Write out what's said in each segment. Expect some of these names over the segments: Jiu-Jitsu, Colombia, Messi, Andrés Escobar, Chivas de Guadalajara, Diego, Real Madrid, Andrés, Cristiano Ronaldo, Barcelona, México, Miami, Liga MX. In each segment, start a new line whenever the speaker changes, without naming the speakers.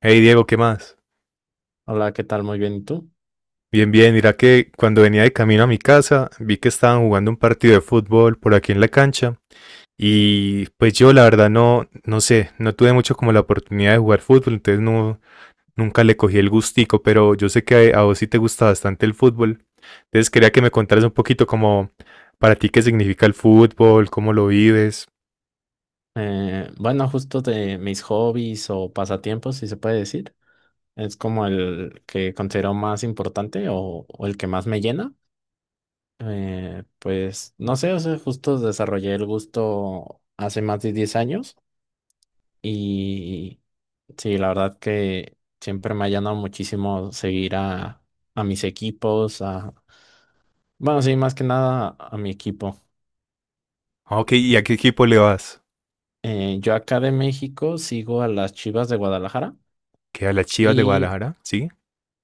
Hey Diego, ¿qué más?
Hola, ¿qué tal? Muy bien, ¿y tú?
Bien, bien, mira que cuando venía de camino a mi casa vi que estaban jugando un partido de fútbol por aquí en la cancha y pues yo la verdad no, no sé, no tuve mucho como la oportunidad de jugar fútbol, entonces no, nunca le cogí el gustico, pero yo sé que a vos sí te gusta bastante el fútbol, entonces quería que me contaras un poquito como para ti qué significa el fútbol, cómo lo vives.
Bueno, justo de mis hobbies o pasatiempos, si se puede decir, es como el que considero más importante o el que más me llena. Pues no sé, o sea, justo desarrollé el gusto hace más de 10 años y sí, la verdad que siempre me ha llenado muchísimo seguir a mis equipos, bueno, sí, más que nada a mi equipo.
Ah, ok, ¿y a qué equipo le vas?
Yo acá de México sigo a las Chivas de Guadalajara.
¿Que a las Chivas de
Y
Guadalajara? ¿Sí?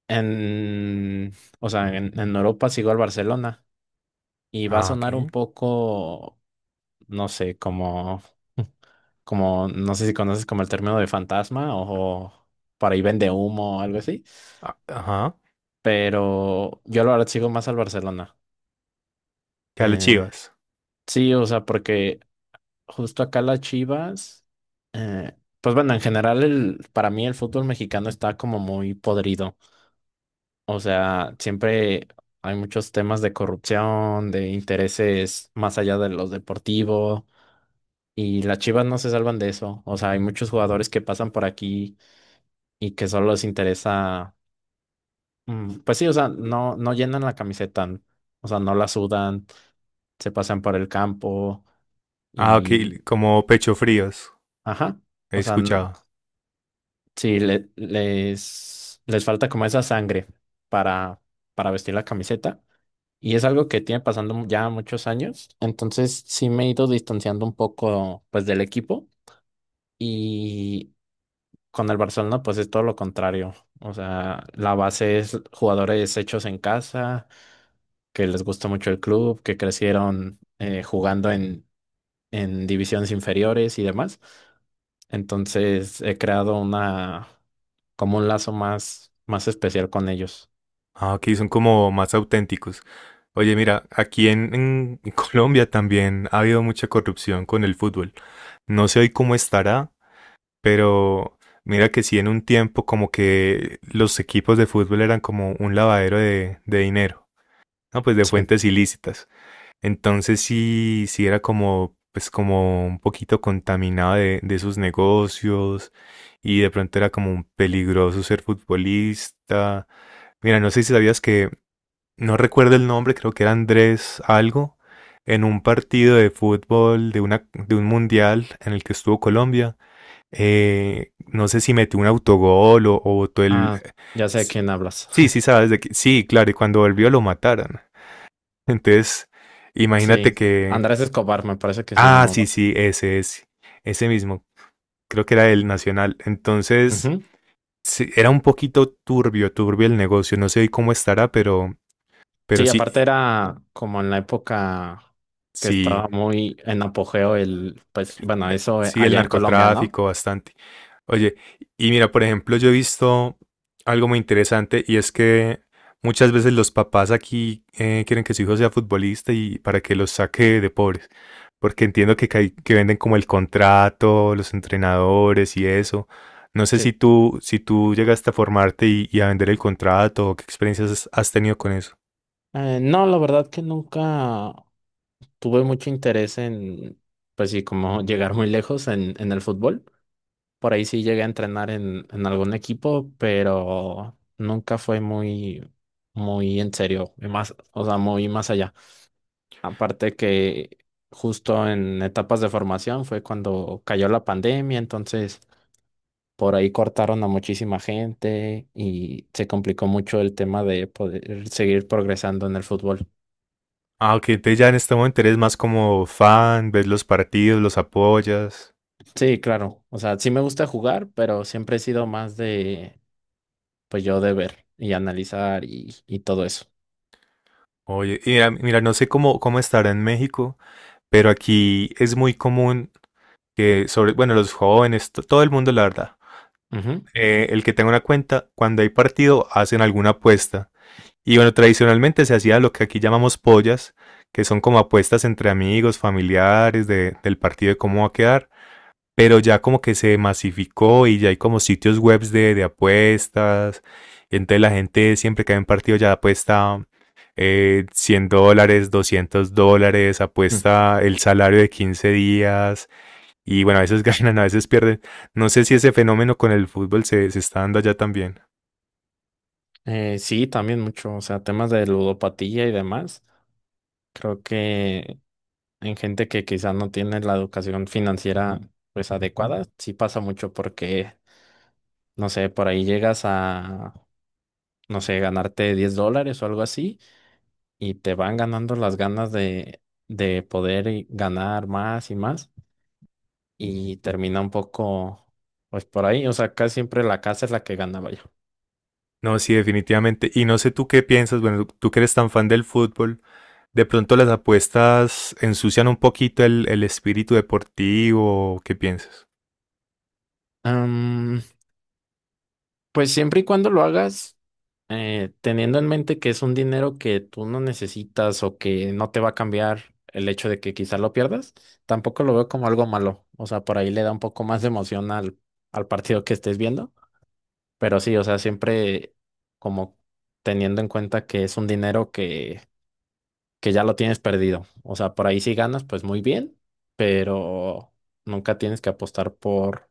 en, o sea, en Europa sigo al Barcelona y va a
Ah, ok.
sonar un poco, no sé, como, como, no sé si conoces como el término de fantasma o, para ahí vende humo o algo así,
Ah, ajá.
pero yo la verdad sigo más al Barcelona.
¿Que a las
Eh,
Chivas?
sí, o sea, porque justo acá las Chivas, pues bueno, en general el, para mí el fútbol mexicano está como muy podrido. O sea, siempre hay muchos temas de corrupción, de intereses más allá de los deportivos, y las Chivas no se salvan de eso. O sea, hay muchos jugadores que pasan por aquí y que solo les interesa, pues sí, o sea, no, no llenan la camiseta, o sea, no la sudan, se pasan por el campo
Ah, ok,
y,
como pecho fríos,
ajá,
he
o sea,
escuchado.
sí, les falta como esa sangre para, para vestir la camiseta. Y es algo que tiene pasando ya muchos años. Entonces sí me he ido distanciando un poco pues del equipo y con el Barcelona pues es todo lo contrario. O sea, la base es jugadores hechos en casa, que les gusta mucho el club, que crecieron jugando en divisiones inferiores y demás. Entonces he creado una como un lazo más, más especial con ellos.
Ah, ok, son como más auténticos. Oye, mira, aquí en Colombia también ha habido mucha corrupción con el fútbol. No sé hoy cómo estará, pero mira que sí en un tiempo como que los equipos de fútbol eran como un lavadero de dinero, ¿no? Pues de
Sí.
fuentes ilícitas. Entonces sí, sí era como, pues como un poquito contaminado de sus negocios y de pronto era como un peligroso ser futbolista. Mira, no sé si sabías que, no recuerdo el nombre, creo que era Andrés algo, en un partido de fútbol de una, de un mundial en el que estuvo Colombia. No sé si metió un autogol o botó el...
Ah, ya sé de quién hablas.
Sí, sí, sabes de que... Sí, claro, y cuando volvió lo mataron. Entonces, imagínate
Sí,
que,
Andrés Escobar me parece que se
ah, sí,
llamaba.
sí, ese es, ese mismo. Creo que era el Nacional. Entonces,
Ujú.
sí, era un poquito turbio, turbio el negocio. No sé cómo estará, pero
Sí,
sí,
aparte era como en la época que
sí,
estaba muy en apogeo el, pues bueno, eso
sí, el
allá en Colombia, ¿no?
narcotráfico bastante. Oye, y mira, por ejemplo, yo he visto algo muy interesante y es que muchas veces los papás aquí quieren que su hijo sea futbolista y para que los saque de pobres, porque entiendo que, que venden como el contrato, los entrenadores y eso. No sé
Sí.
si tú, si tú llegaste a formarte y a vender el contrato, o qué experiencias has tenido con eso.
No, la verdad que nunca tuve mucho interés pues sí, como llegar muy lejos en el fútbol. Por ahí sí llegué a entrenar en algún equipo, pero nunca fue muy, muy en serio, y más, o sea, muy más allá. Aparte que justo en etapas de formación fue cuando cayó la pandemia, entonces por ahí cortaron a muchísima gente y se complicó mucho el tema de poder seguir progresando en el fútbol.
Ah, ok, entonces ya en este momento eres más como fan, ves los partidos, los apoyas.
Sí, claro, o sea, sí me gusta jugar, pero siempre he sido más de, pues yo de ver y analizar y todo eso.
Oye, y mira, mira, no sé cómo, cómo estará en México. Pero aquí es muy común que sobre, bueno, los jóvenes, todo el mundo, la verdad,
Ujú.
el que tenga una cuenta, cuando hay partido, hacen alguna apuesta. Y bueno, tradicionalmente se hacía lo que aquí llamamos pollas, que son como apuestas entre amigos, familiares del partido de cómo va a quedar, pero ya como que se masificó y ya hay como sitios webs de apuestas. Entonces la gente siempre que hay un partido ya apuesta 100 dólares, $200,
Mm.
apuesta el salario de 15 días y bueno, a veces ganan, a veces pierden. No sé si ese fenómeno con el fútbol se, se está dando allá también.
Sí, también mucho, o sea, temas de ludopatía y demás. Creo que en gente que quizás no tiene la educación financiera pues adecuada, sí pasa mucho porque, no sé, por ahí llegas a, no sé, ganarte $10 o algo así y te van ganando las ganas de poder y ganar más y más y termina un poco pues por ahí, o sea, casi siempre la casa es la que gana, vaya.
No, sí, definitivamente. Y no sé tú qué piensas, bueno, tú que eres tan fan del fútbol, de pronto las apuestas ensucian un poquito el espíritu deportivo, ¿qué piensas?
Pues siempre y cuando lo hagas, teniendo en mente que es un dinero que tú no necesitas o que no te va a cambiar el hecho de que quizá lo pierdas, tampoco lo veo como algo malo. O sea, por ahí le da un poco más de emoción al partido que estés viendo. Pero sí, o sea, siempre como teniendo en cuenta que es un dinero que ya lo tienes perdido. O sea, por ahí si ganas, pues muy bien, pero nunca tienes que apostar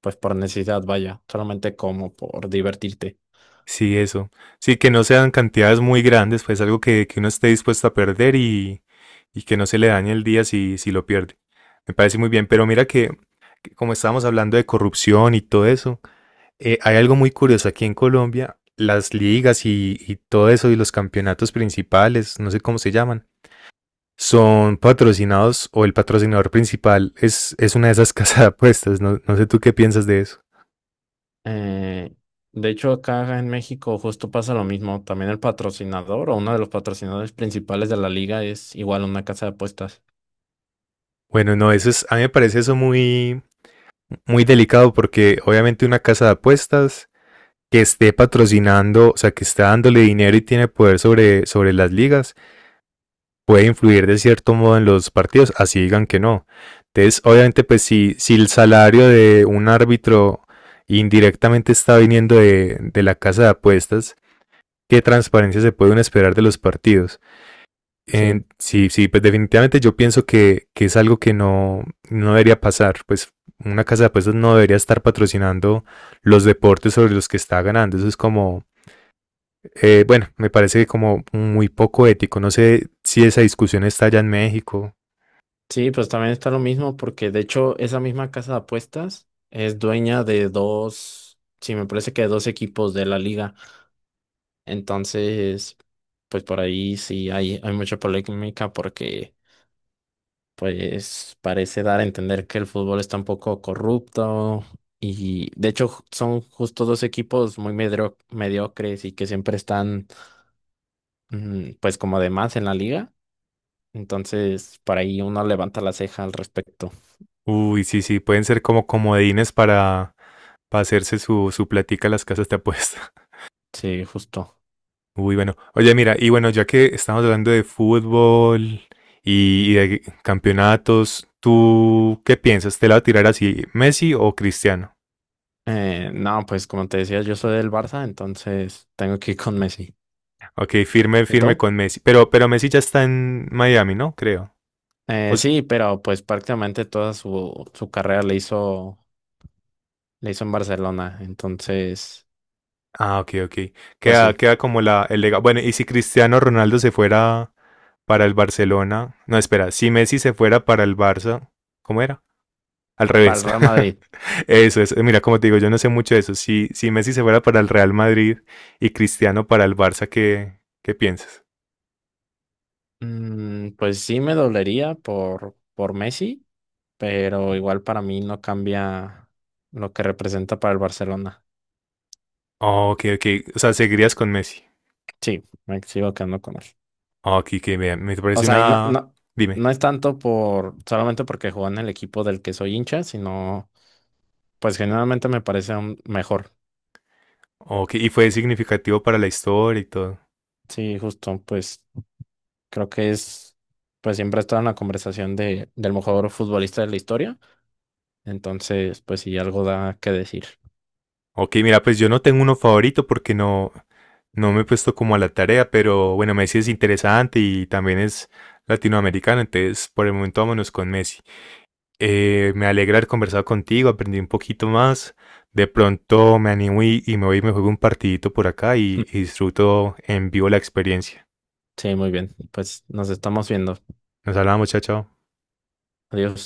pues por necesidad, vaya, solamente como por divertirte.
Sí, eso. Sí, que no sean cantidades muy grandes, pues algo que uno esté dispuesto a perder y que no se le dañe el día si, si lo pierde. Me parece muy bien, pero mira que como estábamos hablando de corrupción y todo eso, hay algo muy curioso aquí en Colombia, las ligas y todo eso y los campeonatos principales, no sé cómo se llaman, son patrocinados o el patrocinador principal es una de esas casas de apuestas, no, no sé tú qué piensas de eso.
Eh, de hecho, acá en México justo pasa lo mismo. También el patrocinador o uno de los patrocinadores principales de la liga es igual una casa de apuestas.
Bueno, no, eso es, a mí me parece eso muy, muy delicado porque obviamente una casa de apuestas que esté patrocinando, o sea, que está dándole dinero y tiene poder sobre, sobre las ligas, puede influir de cierto modo en los partidos, así digan que no. Entonces, obviamente, pues si, si el salario de un árbitro indirectamente está viniendo de la casa de apuestas, ¿qué transparencia se puede uno esperar de los partidos?
Sí,
Sí, sí, pues definitivamente yo pienso que es algo que no, no debería pasar. Pues una casa de apuestas no debería estar patrocinando los deportes sobre los que está ganando. Eso es como, bueno, me parece como muy poco ético. No sé si esa discusión está allá en México.
sí, pues también está lo mismo porque de hecho esa misma casa de apuestas es dueña de dos, sí, me parece que de dos equipos de la liga. Entonces, pues por ahí sí hay mucha polémica porque pues parece dar a entender que el fútbol está un poco corrupto y de hecho son justo dos equipos muy mediocres y que siempre están pues como de más en la liga. Entonces, por ahí uno levanta la ceja al respecto.
Uy, sí, sí, pueden ser como comodines para hacerse su, su platica las casas de apuestas.
Sí, justo.
Uy, bueno. Oye, mira, y bueno, ya que estamos hablando de fútbol y de campeonatos, ¿tú qué piensas? ¿Te la va a tirar así, Messi o Cristiano?
No, pues como te decía, yo soy del Barça, entonces tengo que ir con Messi.
Ok, firme,
¿Y
firme
tú?
con Messi. Pero Messi ya está en Miami, ¿no? Creo. O
Eh,
s-
sí, pero pues prácticamente toda su carrera le hizo en Barcelona, entonces,
ah, ok, ok.
pues
Queda,
sí,
queda como la, el legado. Bueno, y si Cristiano Ronaldo se fuera para el Barcelona. No, espera, si Messi se fuera para el Barça, ¿cómo era? Al
para
revés.
el Real Madrid.
Eso es, mira, como te digo, yo no sé mucho de eso. Si, si Messi se fuera para el Real Madrid y Cristiano para el Barça, ¿qué, qué piensas?
Pues sí me dolería por Messi, pero igual para mí no cambia lo que representa para el Barcelona.
Oh, ok, ok. O sea, seguirías con Messi.
Sí, me sigo quedando con él.
Oh, ok, que bien. Me
O
parece
sea, y no,
una.
no,
Dime.
no es tanto por solamente porque jugó en el equipo del que soy hincha, sino pues generalmente me parece un mejor.
Ok, y fue significativo para la historia y todo.
Sí, justo, pues creo que es, pues siempre está en la conversación del mejor futbolista de la historia. Entonces, pues sí, algo da que decir.
Ok, mira, pues yo no tengo uno favorito porque no, no me he puesto como a la tarea, pero bueno, Messi es interesante y también es latinoamericano, entonces por el momento vámonos con Messi. Me alegra haber conversado contigo, aprendí un poquito más. De pronto me animo y me voy y me juego un partidito por acá y disfruto en vivo la experiencia.
Sí, muy bien. Pues nos estamos viendo.
Nos hablamos, chao, chao.
Adiós.